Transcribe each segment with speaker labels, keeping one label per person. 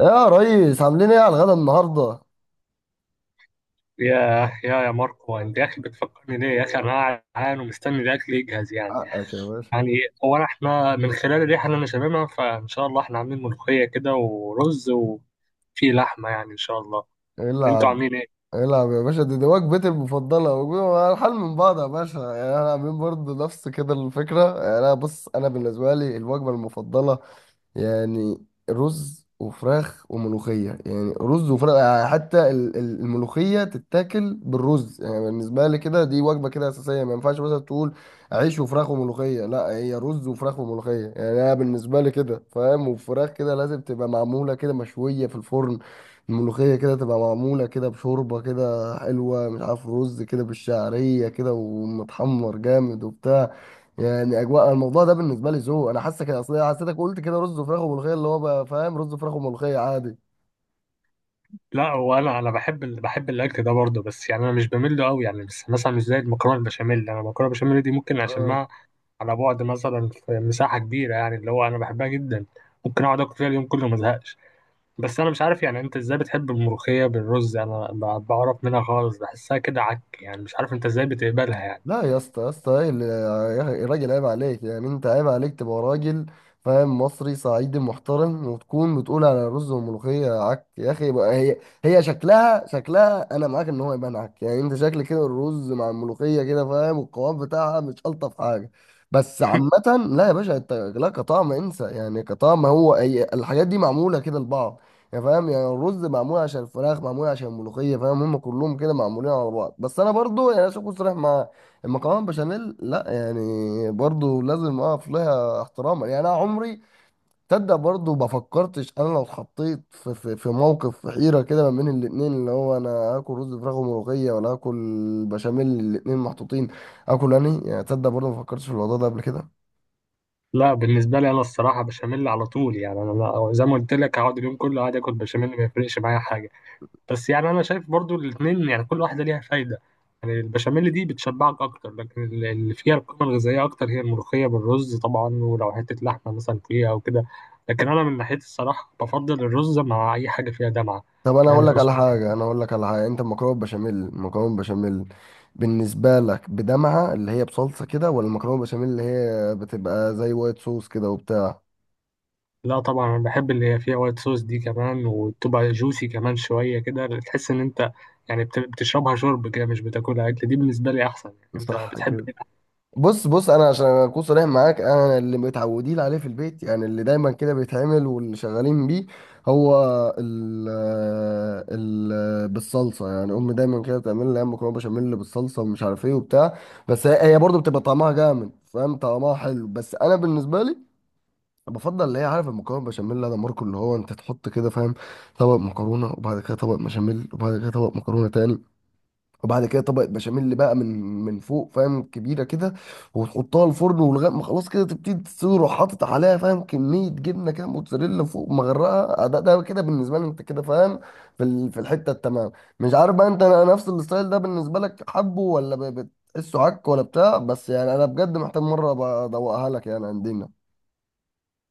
Speaker 1: يا ريس، عاملين ايه على الغدا النهارده؟
Speaker 2: يا يا ماركو، انت يا اخي بتفكرني ليه يا اخي؟ انا قاعد جعان ومستني الاكل يجهز يعني.
Speaker 1: حقك يا باشا.
Speaker 2: يعني هو احنا من خلال الريحه اللي انا شاممها فان شاء الله احنا عاملين ملوخيه كده ورز وفي لحمه يعني ان شاء الله. انتوا
Speaker 1: العب،
Speaker 2: عاملين ايه؟
Speaker 1: العب يا باشا. دي وجبتي المفضله والحل من بعض يا باشا. يعني انا عاملين برضه نفس كده الفكره. يعني انا بص، انا بالنسبه لي الوجبه المفضله يعني رز وفراخ وملوخية. يعني رز وفراخ حتى الملوخية تتاكل بالرز. يعني بالنسبة لي كده دي وجبة كده أساسية، ما ينفعش مثلا تقول عيش وفراخ وملوخية، لا هي رز وفراخ وملوخية. يعني أنا بالنسبة لي كده فاهم، وفراخ كده لازم تبقى معمولة كده مشوية في الفرن، الملوخية كده تبقى معمولة كده بشوربة كده حلوة مش عارف، رز كده بالشعرية كده ومتحمر جامد وبتاع. يعني اجواء الموضوع ده بالنسبه لي ذوق. انا حاسك، اصل حسيتك قلت كده رز وفراخ وملوخيه اللي هو بقى فاهم رز وفراخ وملوخيه عادي.
Speaker 2: لا هو انا بحب بحب الاكل ده برضه، بس يعني انا مش بميل له قوي يعني. بس مثلا مش زي المكرونه البشاميل، انا المكرونه البشاميل دي ممكن اشمها على بعد مثلا في مساحه كبيره، يعني اللي هو انا بحبها جدا. ممكن اقعد اكل فيها اليوم كله ما ازهقش. بس انا مش عارف يعني انت ازاي بتحب الملوخية بالرز؟ انا بعرف منها خالص، بحسها كده عك يعني. مش عارف انت ازاي بتقبلها يعني.
Speaker 1: لا يا اسطى، يا اسطى ايه يا راجل عيب عليك، يعني انت عيب عليك تبقى راجل فاهم مصري صعيدي محترم وتكون بتقول على الرز والملوخيه عك؟ يا اخي بقى، هي شكلها، شكلها انا معاك ان هو يبان عك، يعني انت شكل كده الرز مع الملوخيه كده فاهم والقوام بتاعها مش الطف حاجه بس، عامه. لا يا باشا انت لا، كطعم انسى، يعني كطعم هو، هي الحاجات دي معموله كده لبعض يعني فاهم. يعني الرز معمول عشان الفراخ، معمول عشان الملوخيه فاهم، هم كلهم كده معمولين على بعض. بس انا برضو يعني عشان اكون صريح معاك، المكرونه بشاميل لا يعني، برضو لازم اقف لها احتراما. يعني انا عمري تصدق برضو ما فكرتش انا لو اتحطيت في موقف في حيره كده ما بين الاتنين، اللي هو انا هاكل رز فراخ وملوخيه ولا هاكل بشاميل؟ الاتنين محطوطين، اكل انهي؟ يعني تصدق برضو ما فكرتش في الموضوع ده قبل كده.
Speaker 2: لا بالنسبة لي انا الصراحة بشاميل على طول يعني. انا زي ما قلت لك هقعد اليوم كله قاعد اكل بشاميل ما يفرقش معايا حاجة. بس يعني انا شايف برضو الاتنين يعني كل واحدة ليها فايدة. يعني البشاميل دي بتشبعك اكتر، لكن اللي فيها القيمة الغذائية اكتر هي الملوخية بالرز طبعا، ولو حتة لحمة مثلا فيها او كده. لكن انا من ناحيتي الصراحة بفضل الرز مع اي حاجة فيها دمعة،
Speaker 1: طب انا هقول
Speaker 2: يعني
Speaker 1: لك على
Speaker 2: فاصوليا.
Speaker 1: حاجه، انا هقول لك على حاجه، انت المكرونه بشاميل، المكرونه بشاميل بالنسبه لك بدمعه اللي هي بصلصه كده، ولا المكرونه بشاميل اللي هي بتبقى زي وايت صوص كده وبتاع؟
Speaker 2: لا طبعا انا بحب اللي هي فيها وايت صوص دي كمان، وتبقى جوسي كمان شويه كده، تحس ان انت يعني بتشربها شرب كده، مش بتاكلها اكل. دي بالنسبه لي احسن. يعني انت
Speaker 1: صح
Speaker 2: بتحب
Speaker 1: كده.
Speaker 2: إيه؟
Speaker 1: بص بص، انا عشان اكون صريح معاك، انا اللي متعودين عليه في البيت، يعني اللي دايما كده بيتعمل واللي شغالين بيه هو ال آه، ال آه، بالصلصه. يعني امي دايما كده بتعمل لي أيام مكرونه بشاميل بالصلصه، ومش عارف ايه وبتاع. بس هي برضه بتبقى طعمها جامد فاهم، طعمها حلو. بس انا بالنسبه لي بفضل اللي هي عارف المكرونه بشاميل ده ماركو اللي هو انت تحط كده فاهم، طبق مكرونه، وبعد كده طبق بشاميل، وبعد كده طبق مكرونه تاني، وبعد كده طبقة بشاميل بقى من فوق فاهم، كبيرة كده، وتحطها الفرن ولغاية ما خلاص كده تبتدي تصير، وحاطط، حاطط عليها فاهم كمية جبنة كده موتزاريلا فوق مغرقة. ده ده كده بالنسبة لي انت كده فاهم في في الحتة التمام. مش عارف بقى انت نفس الستايل ده بالنسبة لك حبه، ولا بتحسه عك ولا بتاع؟ بس يعني انا بجد محتاج مرة ابقى ادوقها لك يعني عندنا.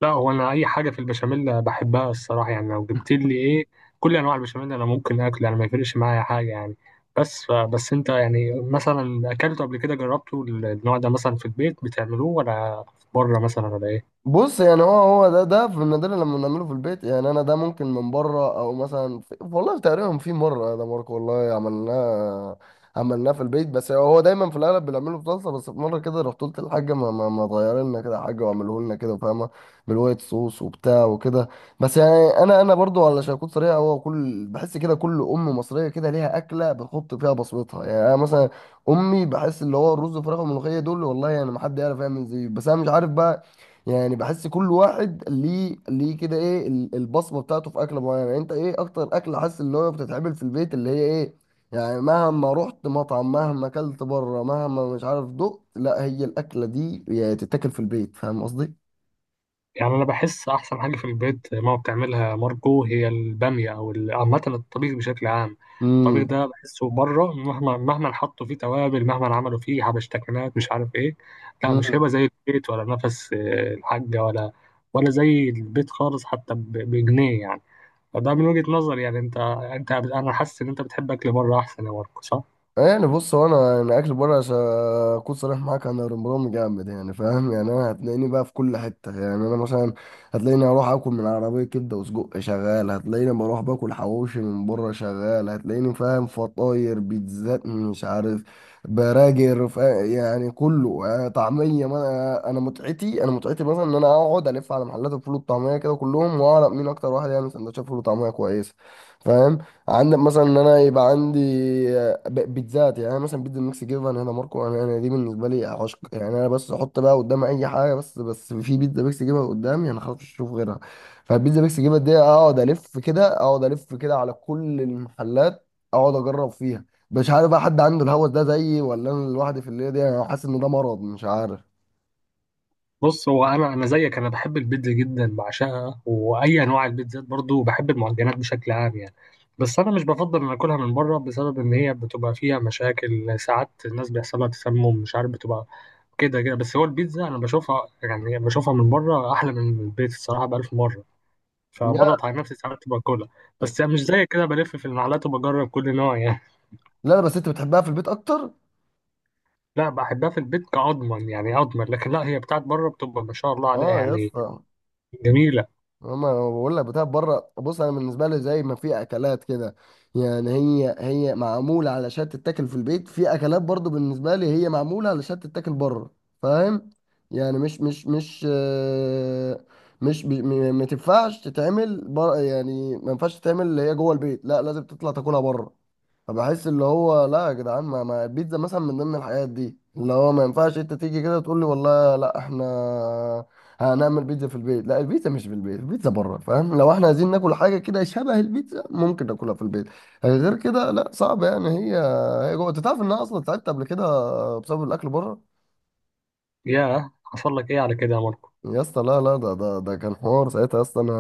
Speaker 2: لا هو انا اي حاجه في البشاميل بحبها الصراحه، يعني لو جبت لي ايه كل انواع البشاميل انا ممكن اكل، يعني ما يفرقش معايا حاجه يعني. بس انت يعني مثلا اكلته قبل كده؟ جربته النوع ده مثلا؟ في البيت بتعملوه ولا بره مثلا ولا ايه؟
Speaker 1: بص يعني، هو ده في النادر لما بنعمله في البيت، يعني انا ده ممكن من بره، او مثلا في والله تقريبا في مره ده ماركو، والله عملناه، عملناه في البيت. بس هو دايما في الاغلب بنعمله في طاسه. بس في مره كده رحت قلت للحاجه ما تغير لنا كده حاجه، واعمله لنا كده فاهمه، بالوايت صوص وبتاع وكده. بس يعني انا برضو علشان اكون صريح، هو كل، بحس كده كل ام مصريه كده ليها اكله بتحط فيها بصمتها. يعني انا مثلا امي بحس اللي هو الرز والفراخ والملوخيه دول، والله يعني ما حد يعرف يعمل زيه. بس انا مش عارف بقى، يعني بحس كل واحد ليه، ليه كده ايه البصمه بتاعته في اكله معينه. يعني انت ايه اكتر اكله حاسس اللي هو بتتعمل في البيت اللي هي ايه، يعني مهما رحت مطعم، مهما اكلت بره، مهما مش عارف دقت، لا هي الاكله دي يعني تتاكل في البيت فاهم قصدي؟
Speaker 2: يعني انا بحس احسن حاجه في البيت ماما بتعملها ماركو هي الباميه، او عامه الطبيخ بشكل عام. الطبيخ ده بحسه بره مهما حطوا فيه توابل، مهما عملوا فيه حبشتكنات مش عارف ايه، لا مش
Speaker 1: امم.
Speaker 2: هيبقى زي البيت ولا نفس الحاجه، ولا ولا زي البيت خالص حتى بجنيه يعني. فده من وجهه نظري يعني. انت انا حاسس ان انت بتحب اكل بره احسن يا ماركو، صح؟
Speaker 1: يعني بص هو، انا اكل بره عشان اكون صريح معاك، انا رمضان جامد يعني فاهم. يعني انا هتلاقيني بقى في كل حته، يعني انا مثلا هتلاقيني اروح اكل من عربيه كبده وسجق شغال، هتلاقيني بروح باكل حواوشي من بره شغال، هتلاقيني فاهم فطاير بيتزات مش عارف براجر يعني كله، يعني طعميه. ما انا، أنا متعتي، انا متعتي مثلا ان انا اقعد الف على محلات الفول والطعميه كده كلهم، واعرف مين اكتر واحد يعمل سندوتشات فول وطعميه كويسه فاهم. عندك مثلا ان انا يبقى عندي بيتزات، يعني انا مثلا بيتزا ميكس جبن هنا ماركو، انا، انا دي بالنسبه لي عشق. يعني انا بس احط بقى قدام اي حاجه، بس بس في بيتزا ميكس جبن قدامي، انا خلاص مش هشوف غيرها. فالبيتزا ميكس جبن دي اقعد الف كده، اقعد الف كده على كل المحلات، اقعد اجرب فيها. مش عارف بقى حد عنده الهوس ده زيي، ولا انا لوحدي في الليله دي؟ انا حاسس ان ده مرض مش عارف.
Speaker 2: بص هو انا زيك، انا بحب البيتزا جدا، بعشقها، واي انواع البيتزات برضو، بحب المعجنات بشكل عام يعني. بس انا مش بفضل ان اكلها من بره، بسبب ان هي بتبقى فيها مشاكل ساعات، الناس بيحصلها تسمم مش عارف، بتبقى كده كده. بس هو البيتزا انا بشوفها يعني بشوفها من بره احلى من البيت الصراحه بألف مره، فبضغط
Speaker 1: لا
Speaker 2: على نفسي ساعات باكلها. بس مش زي كده بلف في المحلات وبجرب كل نوع يعني.
Speaker 1: لا، بس انت بتحبها في البيت اكتر.
Speaker 2: لا بحبها في البيت كأضمن يعني، أضمن. لكن لا، هي بتاعت بره بتبقى ما شاء الله عليها
Speaker 1: اه يا
Speaker 2: يعني،
Speaker 1: اسطى.
Speaker 2: جميلة.
Speaker 1: هما انا بقول لك بتاع بره، بص انا بالنسبه لي زي ما في اكلات كده يعني هي معموله علشان تتاكل في البيت، في اكلات برضو بالنسبه لي هي معموله علشان تتاكل بره فاهم. يعني مش مش مش آه، مش بي- م- ما تنفعش تتعمل بر، يعني ما ينفعش تتعمل اللي هي جوه البيت، لا لازم تطلع تاكلها بره. فبحس اللي هو لا يا جدعان، ما البيتزا مثلا من ضمن الحاجات دي اللي هو ما ينفعش انت تيجي كده تقول لي والله لا احنا هنعمل بيتزا في البيت، لا البيتزا مش في البيت، البيتزا بره فاهم. لو احنا عايزين ناكل حاجه كده شبه البيتزا ممكن ناكلها في البيت، غير كده لا صعب. يعني هي، هي جوه. انت تعرف ان انا اصلا تعبت قبل كده بسبب الاكل بره؟
Speaker 2: يا حصل لك ايه على كده يا ماركو؟
Speaker 1: يا اسطى لا لا، ده كان حوار ساعتها يا اسطى. انا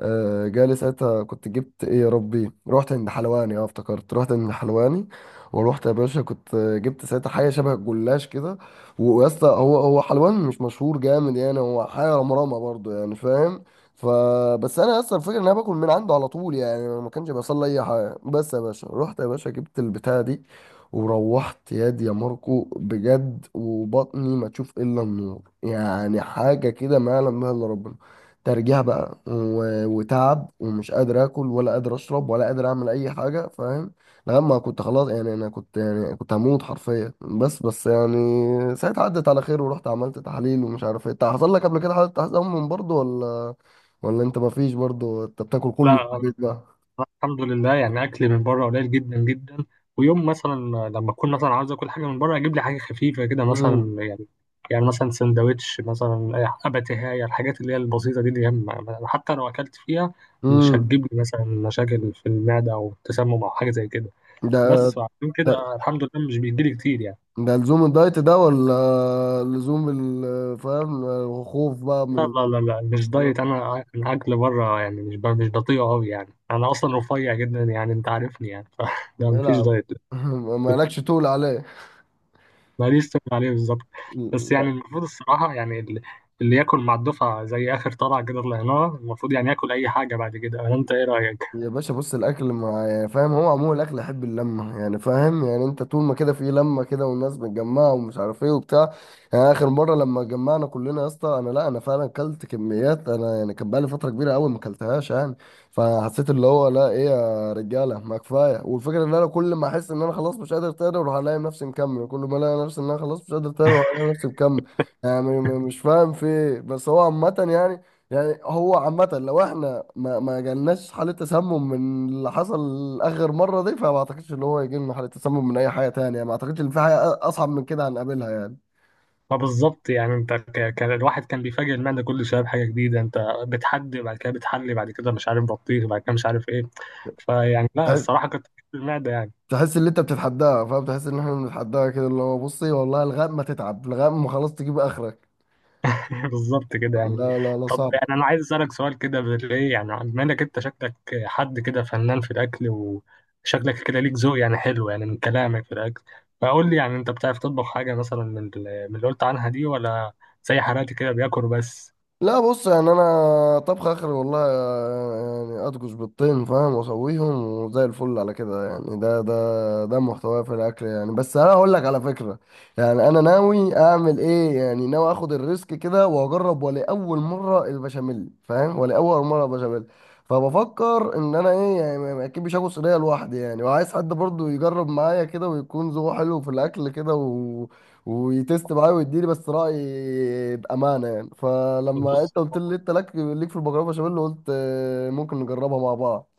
Speaker 1: جالي ساعتها، كنت جبت ايه يا ربي، رحت عند حلواني، اه افتكرت، رحت عند حلواني، ورحت يا باشا كنت جبت ساعتها حاجه شبه الجلاش كده. ويا اسطى هو حلوان مش مشهور جامد، يعني هو حاجه رمرامه برضو يعني فاهم. فبس انا اصلا الفكره ان انا باكل من عنده على طول، يعني أنا ما كانش بيحصل لي اي حاجه. بس يا باشا رحت يا باشا جبت البتاعه دي، وروحت ياد يا ماركو بجد، وبطني ما تشوف الا النور، يعني حاجه كده ما يعلم بها الا ربنا. ترجيع بقى وتعب، ومش قادر اكل ولا قادر اشرب ولا قادر اعمل اي حاجه فاهم. لما كنت خلاص يعني، انا كنت يعني كنت هموت حرفيا. بس بس يعني ساعتها عدت على خير، ورحت عملت تحاليل ومش عارف ايه. انت حصل لك قبل كده حاله تحت من برضه، ولا ولا انت ما فيش برضه، انت بتاكل كله في
Speaker 2: لا
Speaker 1: البيت بقى؟
Speaker 2: الحمد لله يعني اكل من بره قليل جدا جدا. ويوم مثلا لما اكون مثلا عاوز اكل حاجه من بره، اجيب لي حاجه خفيفه كده
Speaker 1: امم.
Speaker 2: مثلا، يعني يعني مثلا سندوتش مثلا، اباتيهايه، الحاجات اللي هي البسيطه دي، دي حتى لو اكلت فيها مش
Speaker 1: امم.
Speaker 2: هتجيب لي مثلا مشاكل في المعده او تسمم او حاجه زي كده.
Speaker 1: ده
Speaker 2: بس عشان
Speaker 1: ده
Speaker 2: كده الحمد لله مش بيجيلي كتير يعني.
Speaker 1: لزوم الدايت ده، ولا لزوم فاهم الخوف بقى
Speaker 2: لا
Speaker 1: من
Speaker 2: لا لا لا مش
Speaker 1: الكلام؟
Speaker 2: دايت، انا الاكل بره يعني مش بطيء قوي يعني. انا اصلا رفيع جدا يعني انت عارفني يعني. فده مفيش
Speaker 1: العب.
Speaker 2: دايت.
Speaker 1: مالكش تقول عليه.
Speaker 2: ماليش تقول عليه بالظبط. بس يعني المفروض الصراحه يعني اللي ياكل مع الدفعه زي اخر طلعه كده طلعناها المفروض يعني ياكل اي حاجه بعد كده، ولا انت ايه رايك؟
Speaker 1: يا باشا بص، الاكل مع يعني فاهم، هو عموما الاكل يحب اللمه يعني فاهم. يعني انت طول ما كده في لمه كده والناس متجمعه ومش عارف ايه وبتاع. يعني اخر مره لما اتجمعنا كلنا يا اسطى انا، لا انا فعلا اكلت كميات. انا يعني كان بقالي فتره كبيره قوي ما اكلتهاش يعني. فحسيت اللي هو لا ايه يا رجاله، ما كفايه. والفكره ان انا كل ما احس ان انا خلاص مش قادر تاني، اروح الاقي نفسي مكمل. كل ما الاقي نفسي ان انا خلاص مش قادر تاني، اروح الاقي نفسي مكمل. يعني مش فاهم في إيه. بس هو عامه يعني، يعني هو عامة لو احنا ما جالناش حالة تسمم من اللي حصل آخر مرة دي، فما اعتقدش ان هو يجي لنا حالة تسمم من أي حاجة تانية يعني. ما اعتقدش ان في حاجة أصعب من كده هنقابلها يعني.
Speaker 2: ما بالظبط يعني. انت كان الواحد كان بيفاجئ المعده كل شويه بحاجه جديده، انت بتحدي بعد كده، بتحلي بعد كده مش عارف، بطيخ بعد كده مش عارف ايه. فيعني لا
Speaker 1: تحس،
Speaker 2: الصراحه كنت، المعده يعني.
Speaker 1: تحس ان انت بتتحداها فاهم، تحس ان احنا بنتحداها كده اللي هو بصي والله لغاية ما تتعب، لغاية ما خلاص تجيب آخرك.
Speaker 2: بالظبط كده يعني.
Speaker 1: لا
Speaker 2: طب
Speaker 1: صعب.
Speaker 2: يعني انا عايز اسالك سؤال كده بالايه، يعني بما انك انت شكلك حد كده فنان في الاكل، وشكلك كده ليك ذوق يعني حلو يعني من كلامك في الاكل. فقول لي يعني انت بتعرف تطبخ حاجه مثلا من من اللي قلت عنها دي، ولا زي حالاتي كده بياكل بس؟
Speaker 1: لا بص، يعني انا طبخ اخر والله، يعني اطبخ بالطين فاهم واسويهم، وزي الفل على كده. يعني ده محتواه في الاكل يعني. بس انا هقول لك على فكره يعني انا ناوي اعمل ايه، يعني ناوي اخد الريسك كده واجرب ولاول مره البشاميل فاهم، ولاول مره البشاميل. فبفكر ان انا ايه، يعني اكيد مش هاكل صينيه لوحدي يعني، وعايز حد برضو يجرب معايا كده، ويكون ذوقه حلو في الاكل كده، ويتست معايا ويديني بس رأي بأمانة يعني. فلما
Speaker 2: بص
Speaker 1: انت قلت لي انت لك ليك في المكرونة بشاميل، قلت ممكن نجربها مع بعض.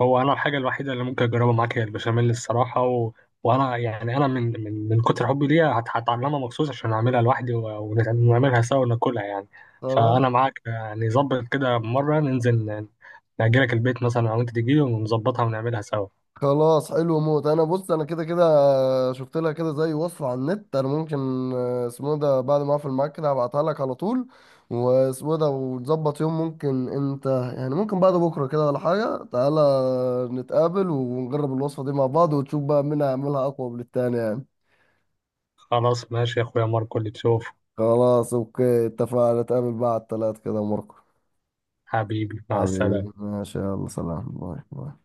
Speaker 2: هو انا الحاجه الوحيده اللي ممكن اجربها معاك هي البشاميل الصراحه، وانا يعني انا من من كتر حبي ليها هتعلمها مخصوص عشان اعملها لوحدي، ونعملها سوا وناكلها يعني.
Speaker 1: خلاص.
Speaker 2: فانا معاك يعني، ظبط كده مره ننزل، نأجلك البيت مثلا او انت تجيلي ونظبطها ونعملها سوا.
Speaker 1: خلاص حلو موت. انا بص، انا كده كده شفت لها كده زي وصفة على النت. انا ممكن اسمه ده بعد ما اقفل معاك كده هبعتها لك على طول، واسمه ده وتظبط يوم، ممكن انت يعني ممكن بعد بكرة كده ولا حاجة تعالى نتقابل ونجرب الوصفة دي مع بعض، وتشوف بقى مين هيعملها اقوى من التاني يعني.
Speaker 2: خلاص ماشي يا اخويا ماركو، اللي تشوف.
Speaker 1: خلاص اوكي، اتفقنا نتقابل بعد 3 كده مرة.
Speaker 2: حبيبي مع السلامه.
Speaker 1: حبيبي ما شاء الله، سلام، باي باي.